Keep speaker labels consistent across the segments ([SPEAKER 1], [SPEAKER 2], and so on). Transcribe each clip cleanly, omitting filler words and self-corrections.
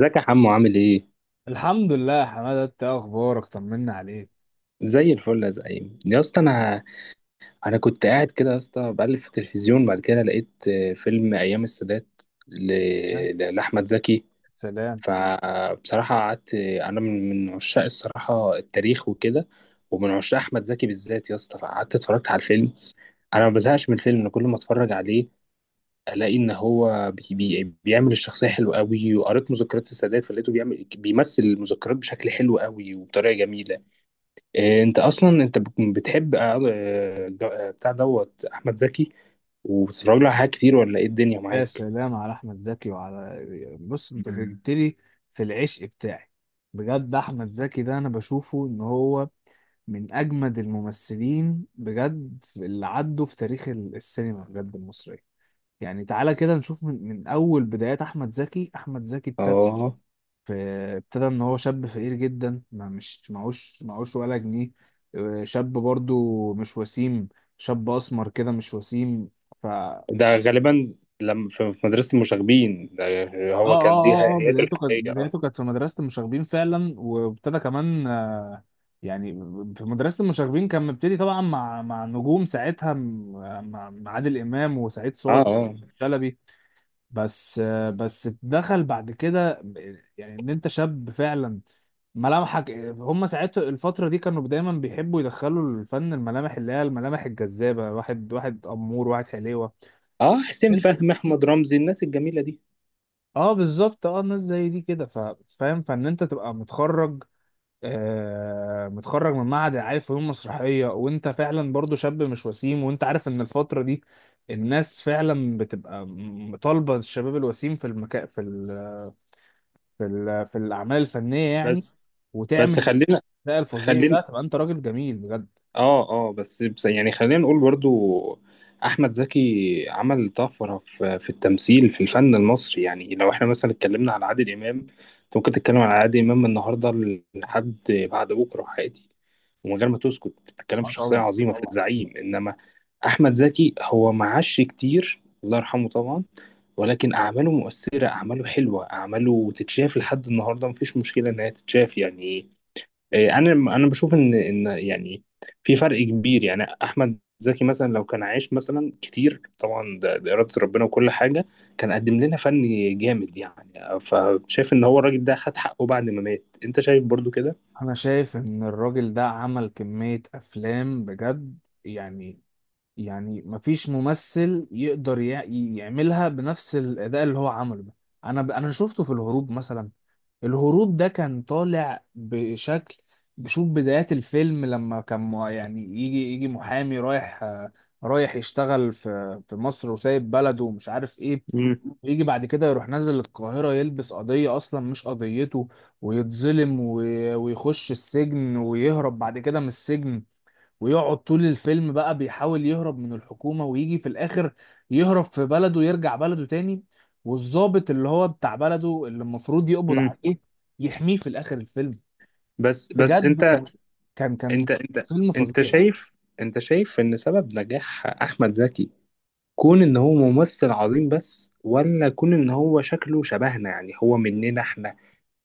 [SPEAKER 1] ازيك يا حمو، عامل ايه؟
[SPEAKER 2] الحمد لله يا حماده، انت إيه اخبارك؟ طمنا عليك.
[SPEAKER 1] زي الفل يا زعيم يا اسطى. انا كنت قاعد كده يا اسطى، بقلب في التلفزيون، بعد كده لقيت فيلم ايام السادات، ل...
[SPEAKER 2] ها؟
[SPEAKER 1] لاحمد زكي.
[SPEAKER 2] سلام.
[SPEAKER 1] فبصراحه قعدت، انا من عشاق الصراحه التاريخ وكده، ومن عشاق احمد زكي بالذات يا اسطى، فقعدت اتفرجت على الفيلم. انا ما بزهقش من الفيلم، انا كل ما اتفرج عليه الاقي ان هو بيعمل الشخصيه حلو قوي. وقريت مذكرات السادات فلقيته بيمثل المذكرات بشكل حلو قوي وبطريقه جميله. إيه، انت اصلا انت بتحب بتاع دوت احمد زكي، وبتتفرج له على حاجات كتير، ولا ايه الدنيا
[SPEAKER 2] يا
[SPEAKER 1] معاك؟
[SPEAKER 2] سلام على احمد زكي وعلى بص انت جبت لي في العشق بتاعي. بجد احمد زكي ده انا بشوفه ان هو من اجمد الممثلين بجد اللي عدوا في تاريخ السينما بجد المصريه. يعني تعالى كده نشوف من اول بدايات احمد زكي احمد زكي.
[SPEAKER 1] اه.
[SPEAKER 2] فابتدى ان هو شاب فقير جدا، ما مش معوش ولا جنيه. شاب برضو مش وسيم، شاب اسمر كده مش وسيم. ف اه
[SPEAKER 1] ده غالبا لما في مدرسه المشاغبين ده،
[SPEAKER 2] اه
[SPEAKER 1] هو كان دي
[SPEAKER 2] اه اه
[SPEAKER 1] حياته الحقيقيه. اه
[SPEAKER 2] بدايته كانت في مدرسة المشاغبين فعلا، وابتدى كمان يعني في مدرسة المشاغبين كان مبتدي طبعا مع نجوم ساعتها، مع عادل إمام وسعيد
[SPEAKER 1] اه،
[SPEAKER 2] صالح
[SPEAKER 1] اه،
[SPEAKER 2] شلبي. بس بس دخل بعد كده، يعني ان انت شاب فعلا، ملامحك هم ساعتها الفترة دي كانوا دايما بيحبوا يدخلوا الفن الملامح اللي هي الملامح الجذابة، واحد واحد أمور، واحد حليوة.
[SPEAKER 1] اه، حسين
[SPEAKER 2] انت
[SPEAKER 1] فهمي، احمد رمزي، الناس الجميله دي.
[SPEAKER 2] اه، بالظبط. اه ناس زي دي كده، فاهم، فان انت تبقى متخرج، آه متخرج من معهد، عارف، فنون مسرحية، وانت فعلا برضو شاب مش وسيم، وانت عارف ان الفترة دي الناس فعلا بتبقى طالبة الشباب الوسيم في المكان، في في الأعمال الفنية يعني.
[SPEAKER 1] بس بس
[SPEAKER 2] وتعمل
[SPEAKER 1] خلينا
[SPEAKER 2] الأداء الفظيع
[SPEAKER 1] خلينا
[SPEAKER 2] ده تبقى انت راجل جميل بجد.
[SPEAKER 1] اه اه، بس يعني خلينا نقول برضو احمد زكي عمل طفره في التمثيل في الفن المصري. يعني لو احنا مثلا اتكلمنا على عادل امام، انت ممكن تتكلم على عادل امام من النهارده لحد بعد بكره عادي، ومن غير ما تسكت بتتكلم في
[SPEAKER 2] آه
[SPEAKER 1] شخصيه
[SPEAKER 2] طبعا،
[SPEAKER 1] عظيمه في
[SPEAKER 2] طبعا.
[SPEAKER 1] الزعيم. انما احمد زكي هو معاش كتير، الله يرحمه طبعا، ولكن اعماله مؤثره، اعماله حلوه، اعماله تتشاف لحد النهارده، مفيش مشكله انها تتشاف يعني. انا بشوف ان يعني في فرق كبير. يعني احمد زكي مثلا لو كان عايش مثلا كتير طبعا، ده اراده ربنا وكل حاجه، كان قدم لنا فن جامد يعني. فشايف ان هو الراجل ده خد حقه بعد ما مات، انت شايف برضو كده؟
[SPEAKER 2] انا شايف ان الراجل ده عمل كمية افلام بجد، يعني يعني مفيش ممثل يقدر يعملها بنفس الاداء اللي هو عمله ده. انا شفته في الهروب مثلا. الهروب ده كان طالع بشكل، بشوف بدايات الفيلم لما كان يعني يجي محامي رايح رايح يشتغل في في مصر، وسايب بلده ومش عارف ايه.
[SPEAKER 1] مم.
[SPEAKER 2] يجي بعد كده يروح نازل القاهرة يلبس قضية أصلا مش قضيته، ويتظلم ويخش السجن، ويهرب بعد كده من السجن، ويقعد طول الفيلم بقى بيحاول يهرب من الحكومة، ويجي في الآخر يهرب في بلده ويرجع بلده تاني. والضابط اللي هو بتاع بلده اللي المفروض يقبض
[SPEAKER 1] مم.
[SPEAKER 2] عليه يحميه في الآخر الفيلم.
[SPEAKER 1] بس،
[SPEAKER 2] بجد
[SPEAKER 1] انت
[SPEAKER 2] كان كان
[SPEAKER 1] انت انت
[SPEAKER 2] فيلم
[SPEAKER 1] انت
[SPEAKER 2] فظيع.
[SPEAKER 1] شايف انت شايف ان سبب نجاح احمد زكي كون ان هو ممثل عظيم بس، ولا كون ان هو شكله شبهنا، يعني هو مننا احنا،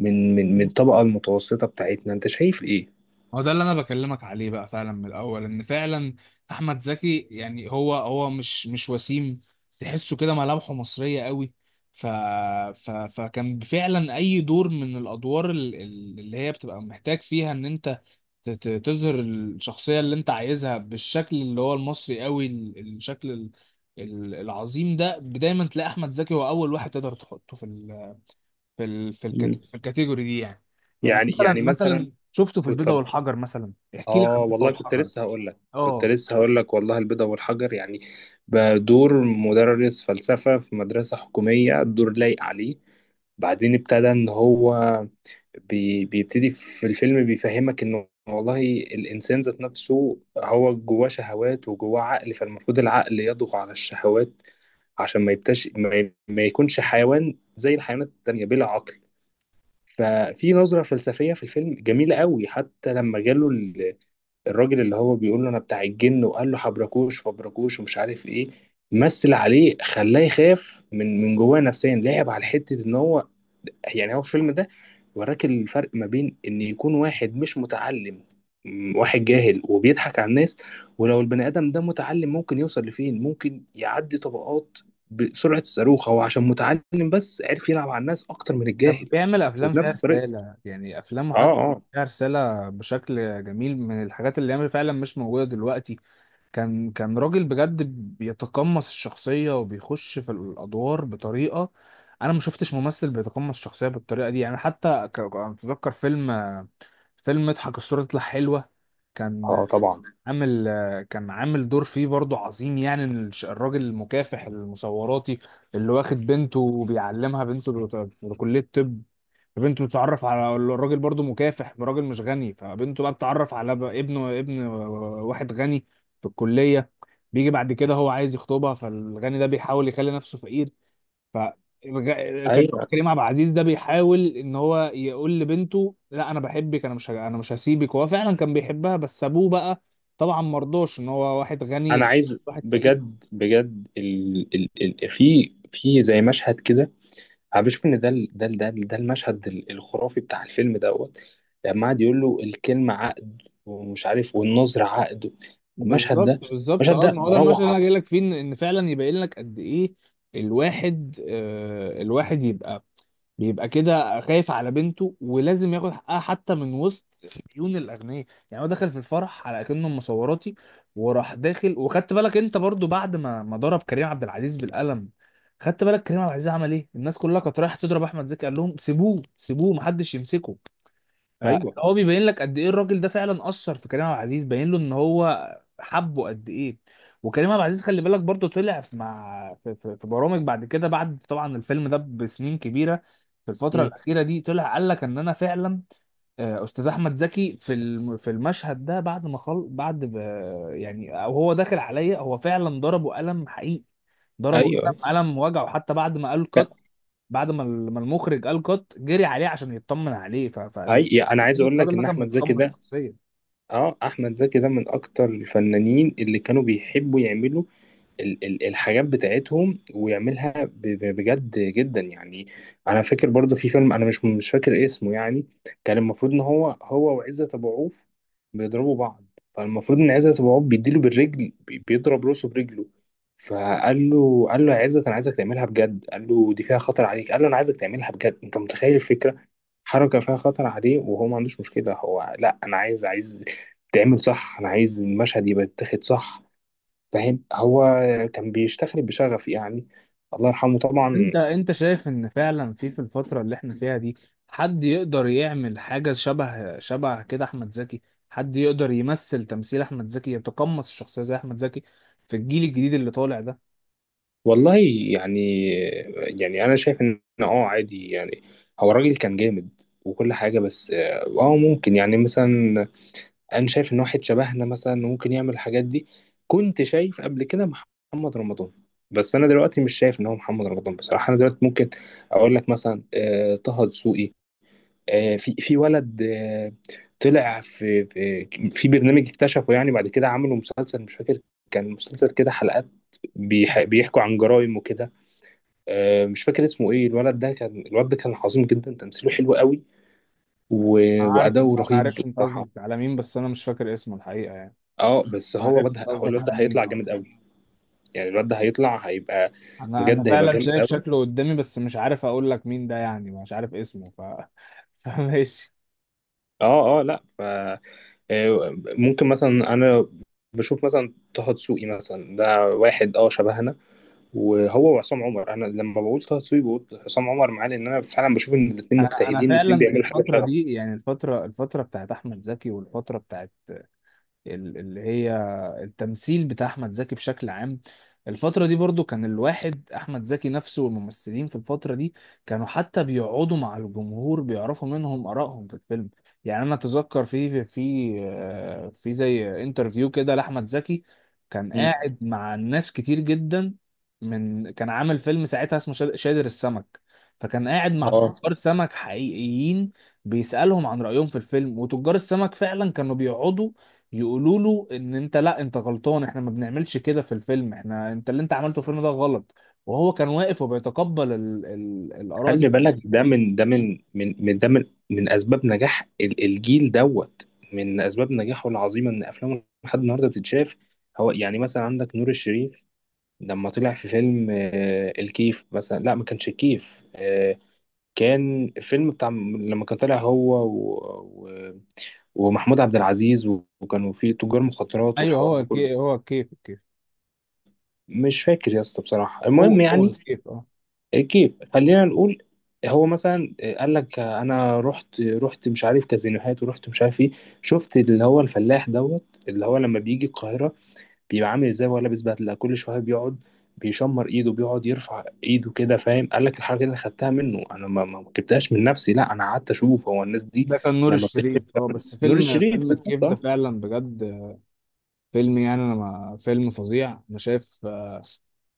[SPEAKER 1] من الطبقة المتوسطة بتاعتنا، انت شايف ايه؟
[SPEAKER 2] هو ده اللي انا بكلمك عليه بقى، فعلا من الاول، ان فعلا احمد زكي يعني هو هو مش وسيم، تحسه كده ملامحه مصريه قوي. ف... فكان فعلا اي دور من الادوار اللي هي بتبقى محتاج فيها ان انت تظهر الشخصية اللي انت عايزها بالشكل اللي هو المصري قوي، الشكل العظيم ده دايما تلاقي احمد زكي هو اول واحد تقدر تحطه في ال في ال في,
[SPEAKER 1] مم.
[SPEAKER 2] الكات- في الكاتيجوري دي يعني. يعني مثلا
[SPEAKER 1] يعني مثلا.
[SPEAKER 2] مثلا شفته في البيضة
[SPEAKER 1] اتفضل.
[SPEAKER 2] والحجر مثلا. احكي لي عن
[SPEAKER 1] اه
[SPEAKER 2] البيضة
[SPEAKER 1] والله،
[SPEAKER 2] والحجر.
[SPEAKER 1] كنت
[SPEAKER 2] اه
[SPEAKER 1] لسه هقول لك والله، البيضة والحجر، يعني بدور مدرس فلسفة في مدرسة حكومية، الدور لايق عليه. بعدين ابتدى ان هو بيبتدي في الفيلم، بيفهمك انه والله الانسان ذات نفسه هو جواه شهوات وجواه عقل، فالمفروض العقل يضغط على الشهوات عشان ما يبتش ما يكونش حيوان زي الحيوانات التانية بلا عقل. ففي نظرة فلسفية في الفيلم جميلة قوي. حتى لما جاله الراجل اللي هو بيقول له انا بتاع الجن، وقال له حبركوش فبركوش ومش عارف ايه، مثل عليه خلاه يخاف من جواه نفسيا، لعب على حتة ان هو، يعني هو الفيلم ده وراك الفرق ما بين ان يكون واحد مش متعلم، واحد جاهل وبيضحك على الناس، ولو البني ادم ده متعلم ممكن يوصل لفين، ممكن يعدي طبقات بسرعة الصاروخ، هو عشان متعلم بس عرف يلعب على الناس اكتر من
[SPEAKER 2] كان
[SPEAKER 1] الجاهل.
[SPEAKER 2] بيعمل افلام فيها
[SPEAKER 1] وبنفس طريقة.
[SPEAKER 2] رسالة، يعني افلامه
[SPEAKER 1] اه،
[SPEAKER 2] حتى
[SPEAKER 1] اه،
[SPEAKER 2] فيها رسالة بشكل جميل من الحاجات اللي هي فعلا مش موجودة دلوقتي. كان راجل بجد بيتقمص الشخصية وبيخش في الأدوار بطريقة، أنا ما شفتش ممثل بيتقمص الشخصية بالطريقة دي يعني. حتى أنا أتذكر فيلم، اضحك الصورة تطلع حلوة، كان
[SPEAKER 1] اه، طبعا.
[SPEAKER 2] عامل كان عامل دور فيه برضه عظيم، يعني إن الراجل المكافح المصوراتي اللي واخد بنته وبيعلمها، بنته في كلية طب. فبنته تتعرف على الراجل برضو مكافح، راجل مش غني، فبنته بقى بتتعرف على بقى ابن واحد غني في الكلية. بيجي بعد كده هو عايز يخطبها، فالغني ده بيحاول يخلي نفسه فقير، ف كان
[SPEAKER 1] ايوه.
[SPEAKER 2] كريم عبد العزيز ده بيحاول ان هو يقول لبنته لا انا بحبك، انا مش ه- انا مش هسيبك، وهو فعلا كان بيحبها. بس ابوه بقى طبعا مرضوش ان هو واحد
[SPEAKER 1] انا
[SPEAKER 2] غني
[SPEAKER 1] عايز
[SPEAKER 2] واحد فقير.
[SPEAKER 1] بجد بجد في زي مشهد كده، انا بشوف ان ده ده المشهد الخرافي بتاع الفيلم دوت. لما قعد يقول له الكلمة عقد ومش عارف، والنظر عقد. المشهد
[SPEAKER 2] بالظبط،
[SPEAKER 1] ده
[SPEAKER 2] بالظبط.
[SPEAKER 1] المشهد
[SPEAKER 2] اه
[SPEAKER 1] ده
[SPEAKER 2] ما هو ده المثل اللي
[SPEAKER 1] روعة.
[SPEAKER 2] انا جاي لك فيه، ان إن فعلا يبين لك قد ايه الواحد آه الواحد يبقى بيبقى كده خايف على بنته، ولازم ياخد حقها حتى من وسط عيون الاغنياء. يعني هو دخل في الفرح على اكنه مصوراتي، وراح داخل، وخدت بالك انت برضو بعد ما ضرب كريم عبد العزيز بالقلم، خدت بالك كريم عبد العزيز عمل ايه؟ الناس كلها كانت رايحه تضرب احمد زكي، قال لهم سيبوه سيبوه، محدش يمسكه.
[SPEAKER 1] ايوه.
[SPEAKER 2] فهو بيبين لك قد ايه الراجل ده فعلا اثر في كريم عبد العزيز، باين له ان هو حبه قد ايه. وكريم عبد العزيز خلي بالك برضه طلع في في برامج بعد كده، بعد طبعا الفيلم ده بسنين كبيره، في الفتره
[SPEAKER 1] مم.
[SPEAKER 2] الاخيره دي، طلع قال لك ان انا فعلا استاذ احمد زكي في في المشهد ده، بعد ما يعني او هو داخل عليا هو فعلا ضربه قلم حقيقي، ضربه
[SPEAKER 1] ايوه،
[SPEAKER 2] قلم،
[SPEAKER 1] أيوة.
[SPEAKER 2] قلم وجعه حتى. بعد ما قال
[SPEAKER 1] لا،
[SPEAKER 2] كات، بعد ما المخرج قال كات، جري عليه عشان يطمن عليه.
[SPEAKER 1] انا عايز اقول لك
[SPEAKER 2] الراجل ده
[SPEAKER 1] ان
[SPEAKER 2] كان
[SPEAKER 1] احمد زكي
[SPEAKER 2] بيتخمص
[SPEAKER 1] ده،
[SPEAKER 2] شخصيا.
[SPEAKER 1] اه، احمد زكي ده من اكتر الفنانين اللي كانوا بيحبوا يعملوا الحاجات بتاعتهم، ويعملها بجد جدا يعني. انا فاكر برضه في فيلم، انا مش فاكر اسمه يعني، كان المفروض ان هو وعزت ابو عوف بيضربوا بعض. فالمفروض ان عزت ابو عوف بيديله بالرجل، بيضرب راسه برجله. فقال له، قال له يا عزت، انا عايزك تعملها بجد. قال له دي فيها خطر عليك. قال له انا عايزك تعملها بجد، انت متخيل الفكره؟ حركه فيها خطر عليه وهو ما عندوش مشكله. هو لا، انا عايز تعمل صح، انا عايز المشهد يبقى يتاخد صح، فاهم؟ هو كان بيشتغل بشغف يعني. الله يرحمه طبعا.
[SPEAKER 2] انت شايف ان فعلا في في الفتره اللي احنا فيها دي حد يقدر يعمل حاجه شبه كده احمد زكي؟ حد يقدر يمثل تمثيل احمد زكي يتقمص الشخصيه زي احمد زكي في الجيل الجديد اللي طالع ده؟
[SPEAKER 1] والله، يعني يعني انا شايف ان اه عادي يعني. هو الراجل كان جامد وكل حاجة، بس اه ممكن يعني مثلا. انا شايف ان واحد شبهنا مثلا ممكن يعمل الحاجات دي. كنت شايف قبل كده محمد رمضان، بس انا دلوقتي مش شايف ان هو محمد رمضان بصراحة. انا دلوقتي ممكن اقول لك مثلا طه دسوقي. في ولد، طلع في برنامج اكتشفه، يعني بعد كده عملوا مسلسل مش فاكر، كان مسلسل كده حلقات بيحكوا عن جرائم وكده. مش فاكر اسمه ايه. الولد ده كان عظيم جدا، تمثيله حلو قوي،
[SPEAKER 2] عارف،
[SPEAKER 1] وأداؤه
[SPEAKER 2] انا
[SPEAKER 1] رهيب
[SPEAKER 2] عرفت انت
[SPEAKER 1] بصراحة.
[SPEAKER 2] قصدك على مين، بس انا مش فاكر اسمه الحقيقه يعني.
[SPEAKER 1] اه، بس هو
[SPEAKER 2] عرفت
[SPEAKER 1] واد هو
[SPEAKER 2] قصدك
[SPEAKER 1] الواد ده
[SPEAKER 2] على مين.
[SPEAKER 1] هيطلع جامد قوي، يعني الواد ده هيطلع هيبقى،
[SPEAKER 2] انا
[SPEAKER 1] بجد هيبقى
[SPEAKER 2] فعلا
[SPEAKER 1] جامد
[SPEAKER 2] شايف
[SPEAKER 1] قوي.
[SPEAKER 2] شكله قدامي، بس مش عارف اقول لك مين ده يعني، مش عارف اسمه. فماشي.
[SPEAKER 1] اه، اه، لا، ف. ممكن مثلا انا بشوف مثلا طه دسوقي مثلا، ده واحد اه شبهنا. وهو وعصام عمر، انا لما بقول طه دسوقي بقول عصام عمر معاه، لان انا فعلا بشوف ان الاثنين
[SPEAKER 2] انا
[SPEAKER 1] مجتهدين، الاثنين
[SPEAKER 2] فعلا
[SPEAKER 1] بيعملوا حاجه
[SPEAKER 2] الفتره
[SPEAKER 1] شغل.
[SPEAKER 2] دي، يعني الفتره بتاعت احمد زكي، والفتره بتاعت اللي هي التمثيل بتاع احمد زكي بشكل عام، الفترة دي برضو كان الواحد احمد زكي نفسه والممثلين في الفترة دي كانوا حتى بيقعدوا مع الجمهور بيعرفوا منهم ارائهم في الفيلم. يعني انا اتذكر في زي انترفيو كده لاحمد زكي، كان
[SPEAKER 1] مم.
[SPEAKER 2] قاعد مع ناس كتير جدا، من كان عامل فيلم ساعتها اسمه شادر السمك، فكان قاعد مع
[SPEAKER 1] اه،
[SPEAKER 2] تجار سمك حقيقيين، بيسألهم عن رأيهم في الفيلم. وتجار السمك فعلا كانوا بيقعدوا يقولوا له ان انت لا انت غلطان، احنا ما بنعملش كده في الفيلم، احنا اللي انت عملته في الفيلم ده غلط. وهو كان واقف وبيتقبل الاراء دي
[SPEAKER 1] خلي بالك،
[SPEAKER 2] بشكل
[SPEAKER 1] ده
[SPEAKER 2] كبير.
[SPEAKER 1] من اسباب نجاح الجيل دوت، من اسباب نجاحه العظيمه ان افلامه لحد النهارده بتتشاف. هو يعني مثلا عندك نور الشريف، لما طلع في فيلم الكيف مثلا. لا ما كانش الكيف، كان فيلم بتاع لما كان طالع هو ومحمود عبد العزيز، وكانوا في تجار مخدرات
[SPEAKER 2] ايوه
[SPEAKER 1] والحوار
[SPEAKER 2] هو
[SPEAKER 1] ده كله.
[SPEAKER 2] الكيف،
[SPEAKER 1] مش فاكر يا اسطى بصراحة،
[SPEAKER 2] هو
[SPEAKER 1] المهم
[SPEAKER 2] هو
[SPEAKER 1] يعني
[SPEAKER 2] الكيف اه.
[SPEAKER 1] كيف، خلينا نقول. هو مثلا قال لك انا رحت مش عارف كازينوهات، ورحت مش عارف ايه، شفت اللي هو الفلاح دوت اللي هو لما بيجي القاهرة بيبقى عامل ازاي، وهو لابس بدلة، كل شوية بيقعد بيشمر ايده، بيقعد يرفع ايده كده، فاهم؟ قال لك الحركة دي أنا خدتها منه، انا ما جبتهاش من نفسي، لا انا قعدت اشوف هو الناس دي
[SPEAKER 2] ده كان نور
[SPEAKER 1] لما بتشتري.
[SPEAKER 2] الشريف اه. بس
[SPEAKER 1] نور
[SPEAKER 2] فيلم،
[SPEAKER 1] الشريف
[SPEAKER 2] فيلم الكيف ده
[SPEAKER 1] بالظبط.
[SPEAKER 2] فعلا بجد فيلم، يعني انا ما... فيلم فظيع. انا شايف،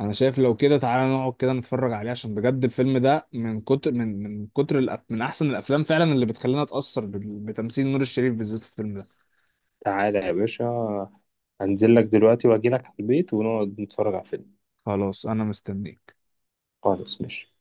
[SPEAKER 2] انا شايف لو كده تعالى نقعد كده نتفرج عليه، عشان بجد الفيلم ده من كتر من كتر من احسن الافلام فعلا، اللي بتخلينا اتاثر بتمثيل نور الشريف بالذات في الفيلم ده.
[SPEAKER 1] تعالى يا باشا، هنزل لك دلوقتي واجي لك على البيت ونقعد نتفرج على فيلم.
[SPEAKER 2] خلاص انا مستنيك.
[SPEAKER 1] خالص ماشي.